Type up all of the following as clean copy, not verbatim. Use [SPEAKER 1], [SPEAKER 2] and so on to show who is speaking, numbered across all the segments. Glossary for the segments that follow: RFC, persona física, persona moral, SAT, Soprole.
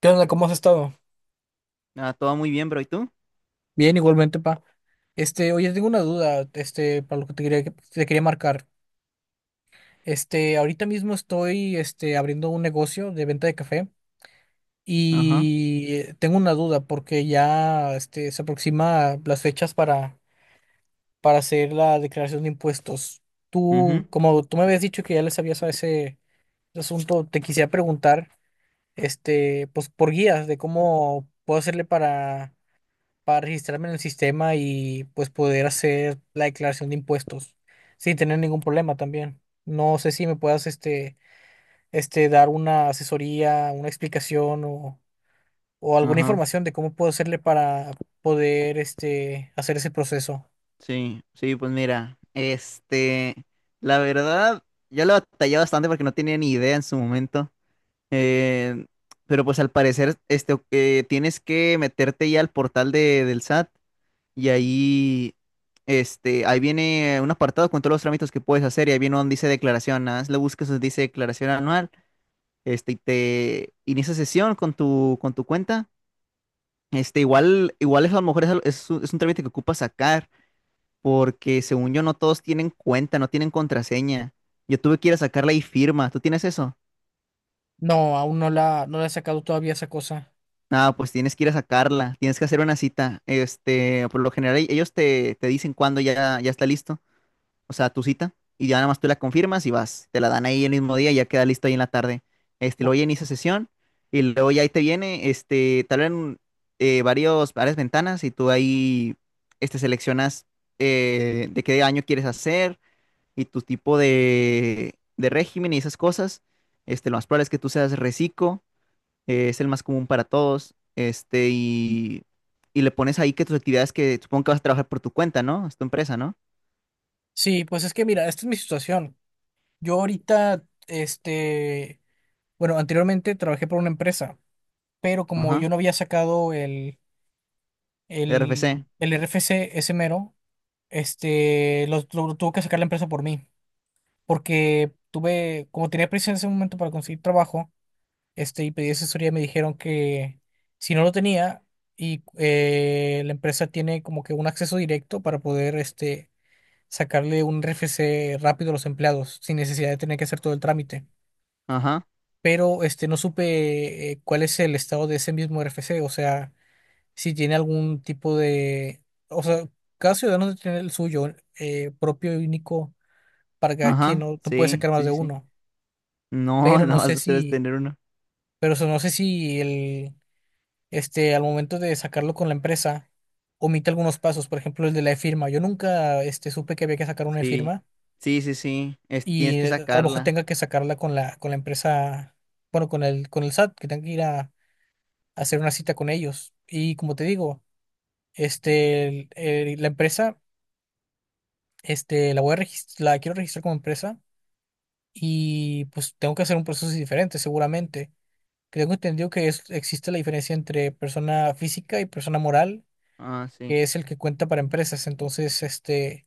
[SPEAKER 1] ¿Qué onda? ¿Cómo has estado?
[SPEAKER 2] Ah, todo muy bien, bro. ¿Y tú?
[SPEAKER 1] Bien, igualmente, pa. Oye, tengo una duda, para lo te quería marcar. Ahorita mismo estoy, abriendo un negocio de venta de café
[SPEAKER 2] Ajá,
[SPEAKER 1] y tengo una duda porque ya, se aproxima las fechas para hacer la declaración de impuestos.
[SPEAKER 2] ujú,
[SPEAKER 1] Tú, como tú me habías dicho que ya le sabías a ese asunto, te quisiera preguntar, pues por guías de cómo puedo hacerle para registrarme en el sistema y pues poder hacer la declaración de impuestos sin tener ningún problema también. No sé si me puedas dar una asesoría, una explicación o alguna
[SPEAKER 2] ajá.
[SPEAKER 1] información de cómo puedo hacerle para poder hacer ese proceso.
[SPEAKER 2] Sí, sí, pues mira, la verdad, yo lo batallé bastante porque no tenía ni idea en su momento. eh, pero pues al parecer, tienes que meterte ya al portal del SAT y ahí, ahí viene un apartado con todos los trámites que puedes hacer y ahí viene donde dice declaración. Nada más le buscas donde dice declaración anual, y te inicia sesión con tu cuenta. Igual eso a lo mejor es, es un trámite que ocupa sacar, porque según yo no todos tienen cuenta, no tienen contraseña. Yo tuve que ir a sacarla y firma. ¿Tú tienes eso?
[SPEAKER 1] No, aún no la he sacado todavía esa cosa.
[SPEAKER 2] Ah, pues tienes que ir a sacarla, tienes que hacer una cita. Por lo general ellos te, te dicen cuándo ya, ya está listo. O sea, tu cita, y ya nada más tú la confirmas y vas, te la dan ahí el mismo día y ya queda listo ahí en la tarde.
[SPEAKER 1] O-
[SPEAKER 2] Luego ya inicia sesión y luego ya ahí te viene, te abren varias ventanas y tú ahí, seleccionas de qué año quieres hacer y tu tipo de régimen y esas cosas. Lo más probable es que tú seas reciclo, es el más común para todos, y le pones ahí que tus actividades que supongo que vas a trabajar por tu cuenta, ¿no? Es tu empresa, ¿no?
[SPEAKER 1] Sí, pues es que mira, esta es mi situación. Yo ahorita, bueno, anteriormente trabajé por una empresa, pero como yo
[SPEAKER 2] Ajá,
[SPEAKER 1] no había sacado el
[SPEAKER 2] RFC.
[SPEAKER 1] El, el RFC, ese mero, este, lo tuvo que sacar la empresa por mí, porque tuve, como tenía prisa en ese momento para conseguir trabajo, y pedí asesoría, me dijeron que si no lo tenía, y la empresa tiene como que un acceso directo para poder, sacarle un RFC rápido a los empleados, sin necesidad de tener que hacer todo el trámite.
[SPEAKER 2] Ajá,
[SPEAKER 1] Pero, no supe cuál es el estado de ese mismo RFC, o sea si tiene algún tipo de, o sea, cada ciudadano debe tener el suyo propio y único para cada quien,
[SPEAKER 2] ajá,
[SPEAKER 1] no, no puede
[SPEAKER 2] sí,
[SPEAKER 1] sacar más
[SPEAKER 2] sí,
[SPEAKER 1] de
[SPEAKER 2] sí, sí.
[SPEAKER 1] uno,
[SPEAKER 2] No,
[SPEAKER 1] pero
[SPEAKER 2] no
[SPEAKER 1] no
[SPEAKER 2] vas
[SPEAKER 1] sé
[SPEAKER 2] a debes
[SPEAKER 1] si,
[SPEAKER 2] tener uno.
[SPEAKER 1] pero eso, no sé si el, al momento de sacarlo con la empresa, omite algunos pasos, por ejemplo, el de la firma. Yo nunca, supe que había que sacar una
[SPEAKER 2] Sí,
[SPEAKER 1] firma
[SPEAKER 2] sí, sí, sí.
[SPEAKER 1] y
[SPEAKER 2] Tienes que
[SPEAKER 1] a lo mejor
[SPEAKER 2] sacarla.
[SPEAKER 1] tenga que sacarla con la empresa, bueno, con el SAT, que tenga que ir a hacer una cita con ellos. Y como te digo, la empresa. La voy a la quiero registrar como empresa y pues tengo que hacer un proceso diferente seguramente. Creo que tengo entendido que existe la diferencia entre persona física y persona moral,
[SPEAKER 2] Ah, sí.
[SPEAKER 1] que es el que cuenta para empresas. Entonces,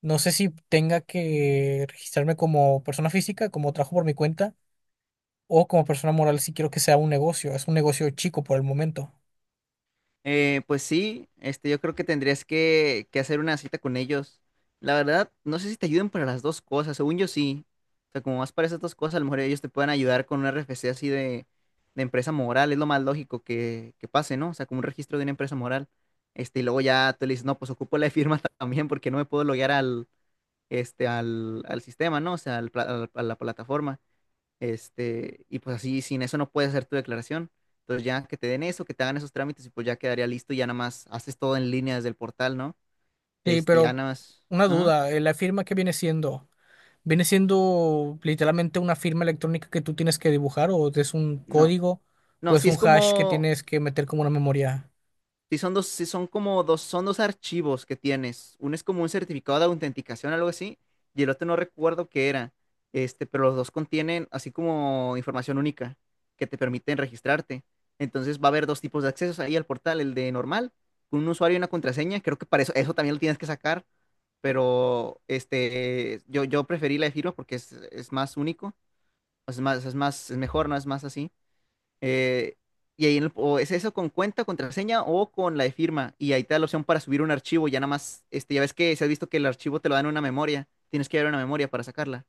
[SPEAKER 1] no sé si tenga que registrarme como persona física, como trabajo por mi cuenta, o como persona moral si quiero que sea un negocio. Es un negocio chico por el momento.
[SPEAKER 2] Pues sí, yo creo que tendrías que hacer una cita con ellos. La verdad, no sé si te ayuden para las dos cosas. Según yo sí. O sea, como más para esas dos cosas, a lo mejor ellos te pueden ayudar con un RFC así de empresa moral. Es lo más lógico que pase, ¿no? O sea, como un registro de una empresa moral. Y luego ya tú le dices, no, pues ocupo la firma también porque no me puedo loguear al, al, al sistema, ¿no? O sea, a la plataforma. Y pues así, sin eso no puedes hacer tu declaración. Entonces ya que te den eso, que te hagan esos trámites y pues ya quedaría listo y ya nada más haces todo en línea desde el portal, ¿no?
[SPEAKER 1] Sí,
[SPEAKER 2] Ya
[SPEAKER 1] pero
[SPEAKER 2] nada más.
[SPEAKER 1] una
[SPEAKER 2] Ajá.
[SPEAKER 1] duda, ¿la firma qué viene siendo? ¿Viene siendo literalmente una firma electrónica que tú tienes que dibujar o es un
[SPEAKER 2] No.
[SPEAKER 1] código
[SPEAKER 2] No,
[SPEAKER 1] o es
[SPEAKER 2] sí
[SPEAKER 1] un
[SPEAKER 2] es
[SPEAKER 1] hash que
[SPEAKER 2] como,
[SPEAKER 1] tienes que meter como una memoria?
[SPEAKER 2] sí, son dos, sí, son como dos, son dos archivos que tienes. Uno es como un certificado de autenticación, algo así, y el otro no recuerdo qué era. Pero los dos contienen así como información única que te permiten registrarte. Entonces va a haber dos tipos de accesos ahí al portal, el de normal, con un usuario y una contraseña. Creo que para eso, eso también lo tienes que sacar, pero yo preferí la de firma porque es más único, o sea, es más, es más, es mejor, ¿no? Es más así. Eh, y ahí o es eso con cuenta, contraseña o con la de firma. Y ahí te da la opción para subir un archivo. Ya nada más, ya ves que si has visto que el archivo te lo dan en una memoria. Tienes que llevar una memoria para sacarla,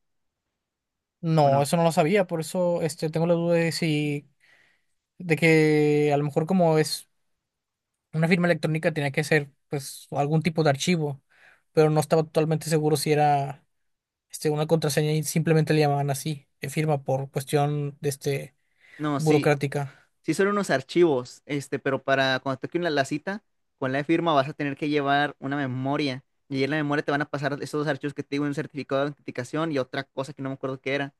[SPEAKER 2] ¿o
[SPEAKER 1] No,
[SPEAKER 2] no?
[SPEAKER 1] eso no lo sabía, por eso tengo la duda de si, de que a lo mejor como es una firma electrónica tenía que ser pues algún tipo de archivo, pero no estaba totalmente seguro si era una contraseña y simplemente le llamaban así, firma por cuestión de
[SPEAKER 2] No, sí,
[SPEAKER 1] burocrática.
[SPEAKER 2] sí son unos archivos, pero para cuando toque una, la cita con la de firma vas a tener que llevar una memoria. Y ahí en la memoria te van a pasar esos dos archivos que te digo, un certificado de autenticación y otra cosa que no me acuerdo qué era.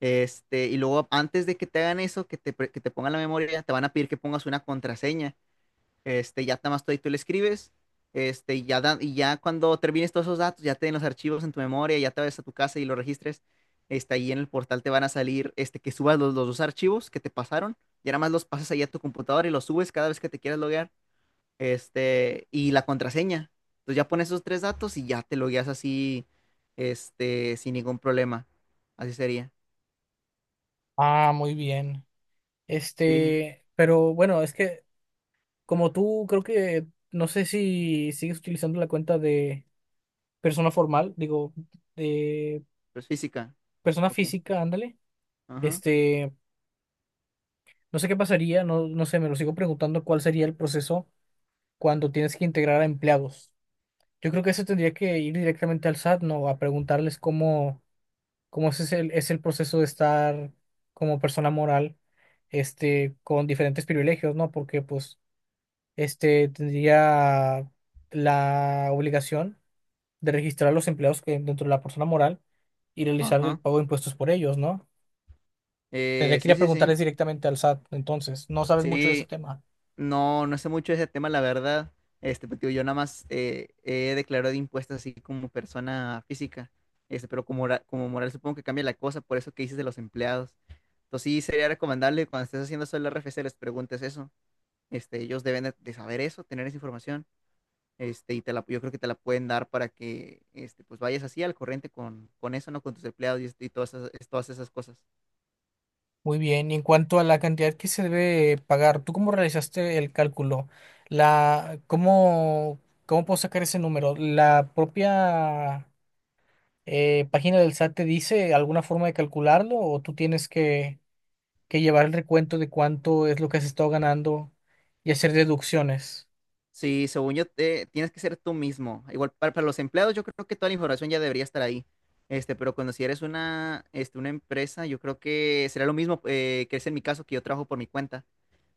[SPEAKER 2] Y luego antes de que te hagan eso, que te pongan la memoria, te van a pedir que pongas una contraseña. Ya nada más tú le escribes. Y ya, y ya cuando termines todos esos datos, ya te den los archivos en tu memoria, ya te vayas a tu casa y los registres. Ahí en el portal te van a salir que subas los dos archivos que te pasaron. Y nada más los pasas ahí a tu computadora y los subes cada vez que te quieras loguear. Y la contraseña. Entonces ya pones esos tres datos y ya te logueas así, sin ningún problema. Así sería.
[SPEAKER 1] Ah, muy bien.
[SPEAKER 2] Sí,
[SPEAKER 1] Pero bueno, es que como tú, creo que no sé si sigues utilizando la cuenta de persona formal, digo, de
[SPEAKER 2] pues física.
[SPEAKER 1] persona
[SPEAKER 2] Ok.
[SPEAKER 1] física, ándale.
[SPEAKER 2] Ajá.
[SPEAKER 1] Este, no sé qué pasaría, no, no sé, me lo sigo preguntando cuál sería el proceso cuando tienes que integrar a empleados. Yo creo que eso tendría que ir directamente al SAT, ¿no? A preguntarles cómo, cómo es es el proceso de estar como persona moral, con diferentes privilegios, ¿no? Porque, pues, tendría la obligación de registrar los empleados que dentro de la persona moral y realizar el
[SPEAKER 2] Ajá.
[SPEAKER 1] pago de impuestos por ellos, ¿no? Tendría que ir
[SPEAKER 2] Sí,
[SPEAKER 1] a
[SPEAKER 2] sí, sí.
[SPEAKER 1] preguntarles directamente al SAT, entonces, no sabes mucho de ese
[SPEAKER 2] Sí,
[SPEAKER 1] tema.
[SPEAKER 2] no, no sé mucho de ese tema, la verdad. Pero, tío, yo nada más he declarado impuestos así como persona física. Pero como, como moral supongo que cambia la cosa, por eso que dices de los empleados. Entonces sí sería recomendable cuando estés haciendo eso el RFC les preguntes eso. Ellos deben de saber eso, tener esa información. Yo creo que te la pueden dar para que pues vayas así al corriente con eso, ¿no? Con tus empleados y todas esas cosas.
[SPEAKER 1] Muy bien, y en cuanto a la cantidad que se debe pagar, ¿tú cómo realizaste el cálculo? La, ¿cómo, cómo puedo sacar ese número? ¿La propia página del SAT te dice alguna forma de calcularlo o tú tienes que llevar el recuento de cuánto es lo que has estado ganando y hacer deducciones?
[SPEAKER 2] Sí, según yo, tienes que ser tú mismo. Igual para los empleados, yo creo que toda la información ya debería estar ahí. Pero cuando si eres una, una empresa, yo creo que será lo mismo que es en mi caso, que yo trabajo por mi cuenta.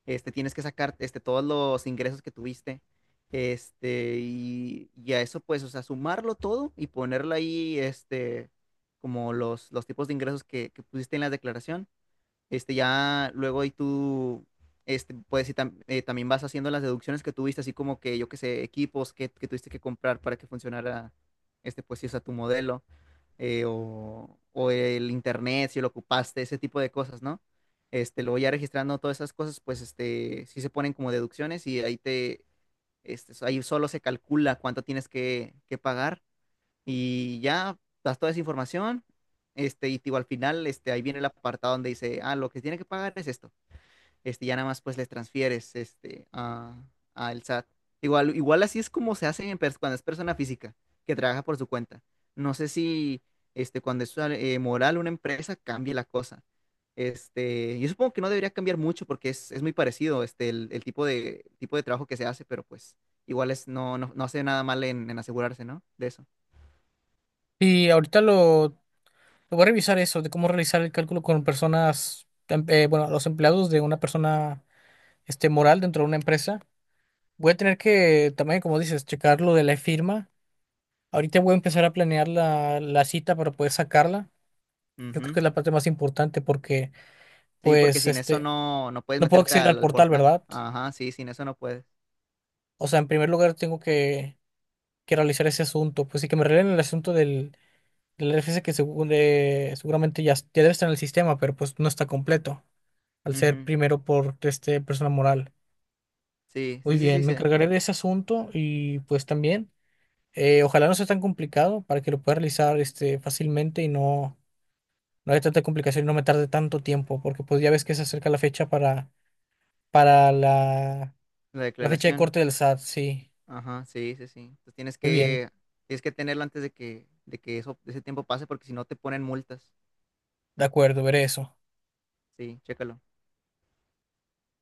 [SPEAKER 2] Tienes que sacar todos los ingresos que tuviste. Y a eso, pues, o sea, sumarlo todo y ponerlo ahí, como los tipos de ingresos que pusiste en la declaración ya luego ahí puedes también vas haciendo las deducciones que tuviste, así como que, yo qué sé, equipos que tuviste que comprar para que funcionara, pues, si usa tu modelo, o el internet, si lo ocupaste, ese tipo de cosas, ¿no? Luego ya registrando todas esas cosas, pues, sí se ponen como deducciones y ahí solo se calcula cuánto tienes que pagar y ya das toda esa información, y digo, al final, ahí viene el apartado donde dice, ah, lo que tiene que pagar es esto. Ya nada más pues les transfieres, al SAT. Igual, igual así es como se hace en cuando es persona física, que trabaja por su cuenta. No sé si, cuando es moral una empresa, cambie la cosa. Yo supongo que no debería cambiar mucho porque es muy parecido, el tipo de trabajo que se hace, pero pues igual es, no, no, no hace nada mal en asegurarse, ¿no? De eso.
[SPEAKER 1] Y ahorita lo voy a revisar eso de cómo realizar el cálculo con personas, bueno, los empleados de una persona moral dentro de una empresa. Voy a tener que también, como dices, checar lo de la firma. Ahorita voy a empezar a planear la, la cita para poder sacarla. Yo creo
[SPEAKER 2] Ujú.
[SPEAKER 1] que es la parte más importante porque,
[SPEAKER 2] Sí, porque
[SPEAKER 1] pues,
[SPEAKER 2] sin eso no, no puedes
[SPEAKER 1] no puedo
[SPEAKER 2] meterte
[SPEAKER 1] acceder al
[SPEAKER 2] al, al
[SPEAKER 1] portal,
[SPEAKER 2] portal.
[SPEAKER 1] ¿verdad?
[SPEAKER 2] Ajá, sí, sin eso no puedes.
[SPEAKER 1] O sea, en primer lugar tengo que realizar ese asunto. Pues sí que me revelen el asunto del RFC que según, seguramente ya, ya debe estar en el sistema, pero pues no está completo, al ser
[SPEAKER 2] Ujú.
[SPEAKER 1] primero por persona moral.
[SPEAKER 2] Sí,
[SPEAKER 1] Muy
[SPEAKER 2] sí, sí, sí,
[SPEAKER 1] bien, me
[SPEAKER 2] sí,
[SPEAKER 1] encargaré de ese asunto y pues también, ojalá no sea tan complicado para que lo pueda realizar fácilmente y no, no haya tanta complicación y no me tarde tanto tiempo, porque pues ya ves que se acerca la fecha para la,
[SPEAKER 2] la
[SPEAKER 1] la fecha de
[SPEAKER 2] declaración.
[SPEAKER 1] corte del SAT, sí.
[SPEAKER 2] Ajá, sí, sí, sí. Entonces
[SPEAKER 1] Muy bien,
[SPEAKER 2] tienes que tenerlo antes de que eso, ese tiempo pase, porque si no te ponen multas.
[SPEAKER 1] de acuerdo, veré eso.
[SPEAKER 2] Sí, chécalo.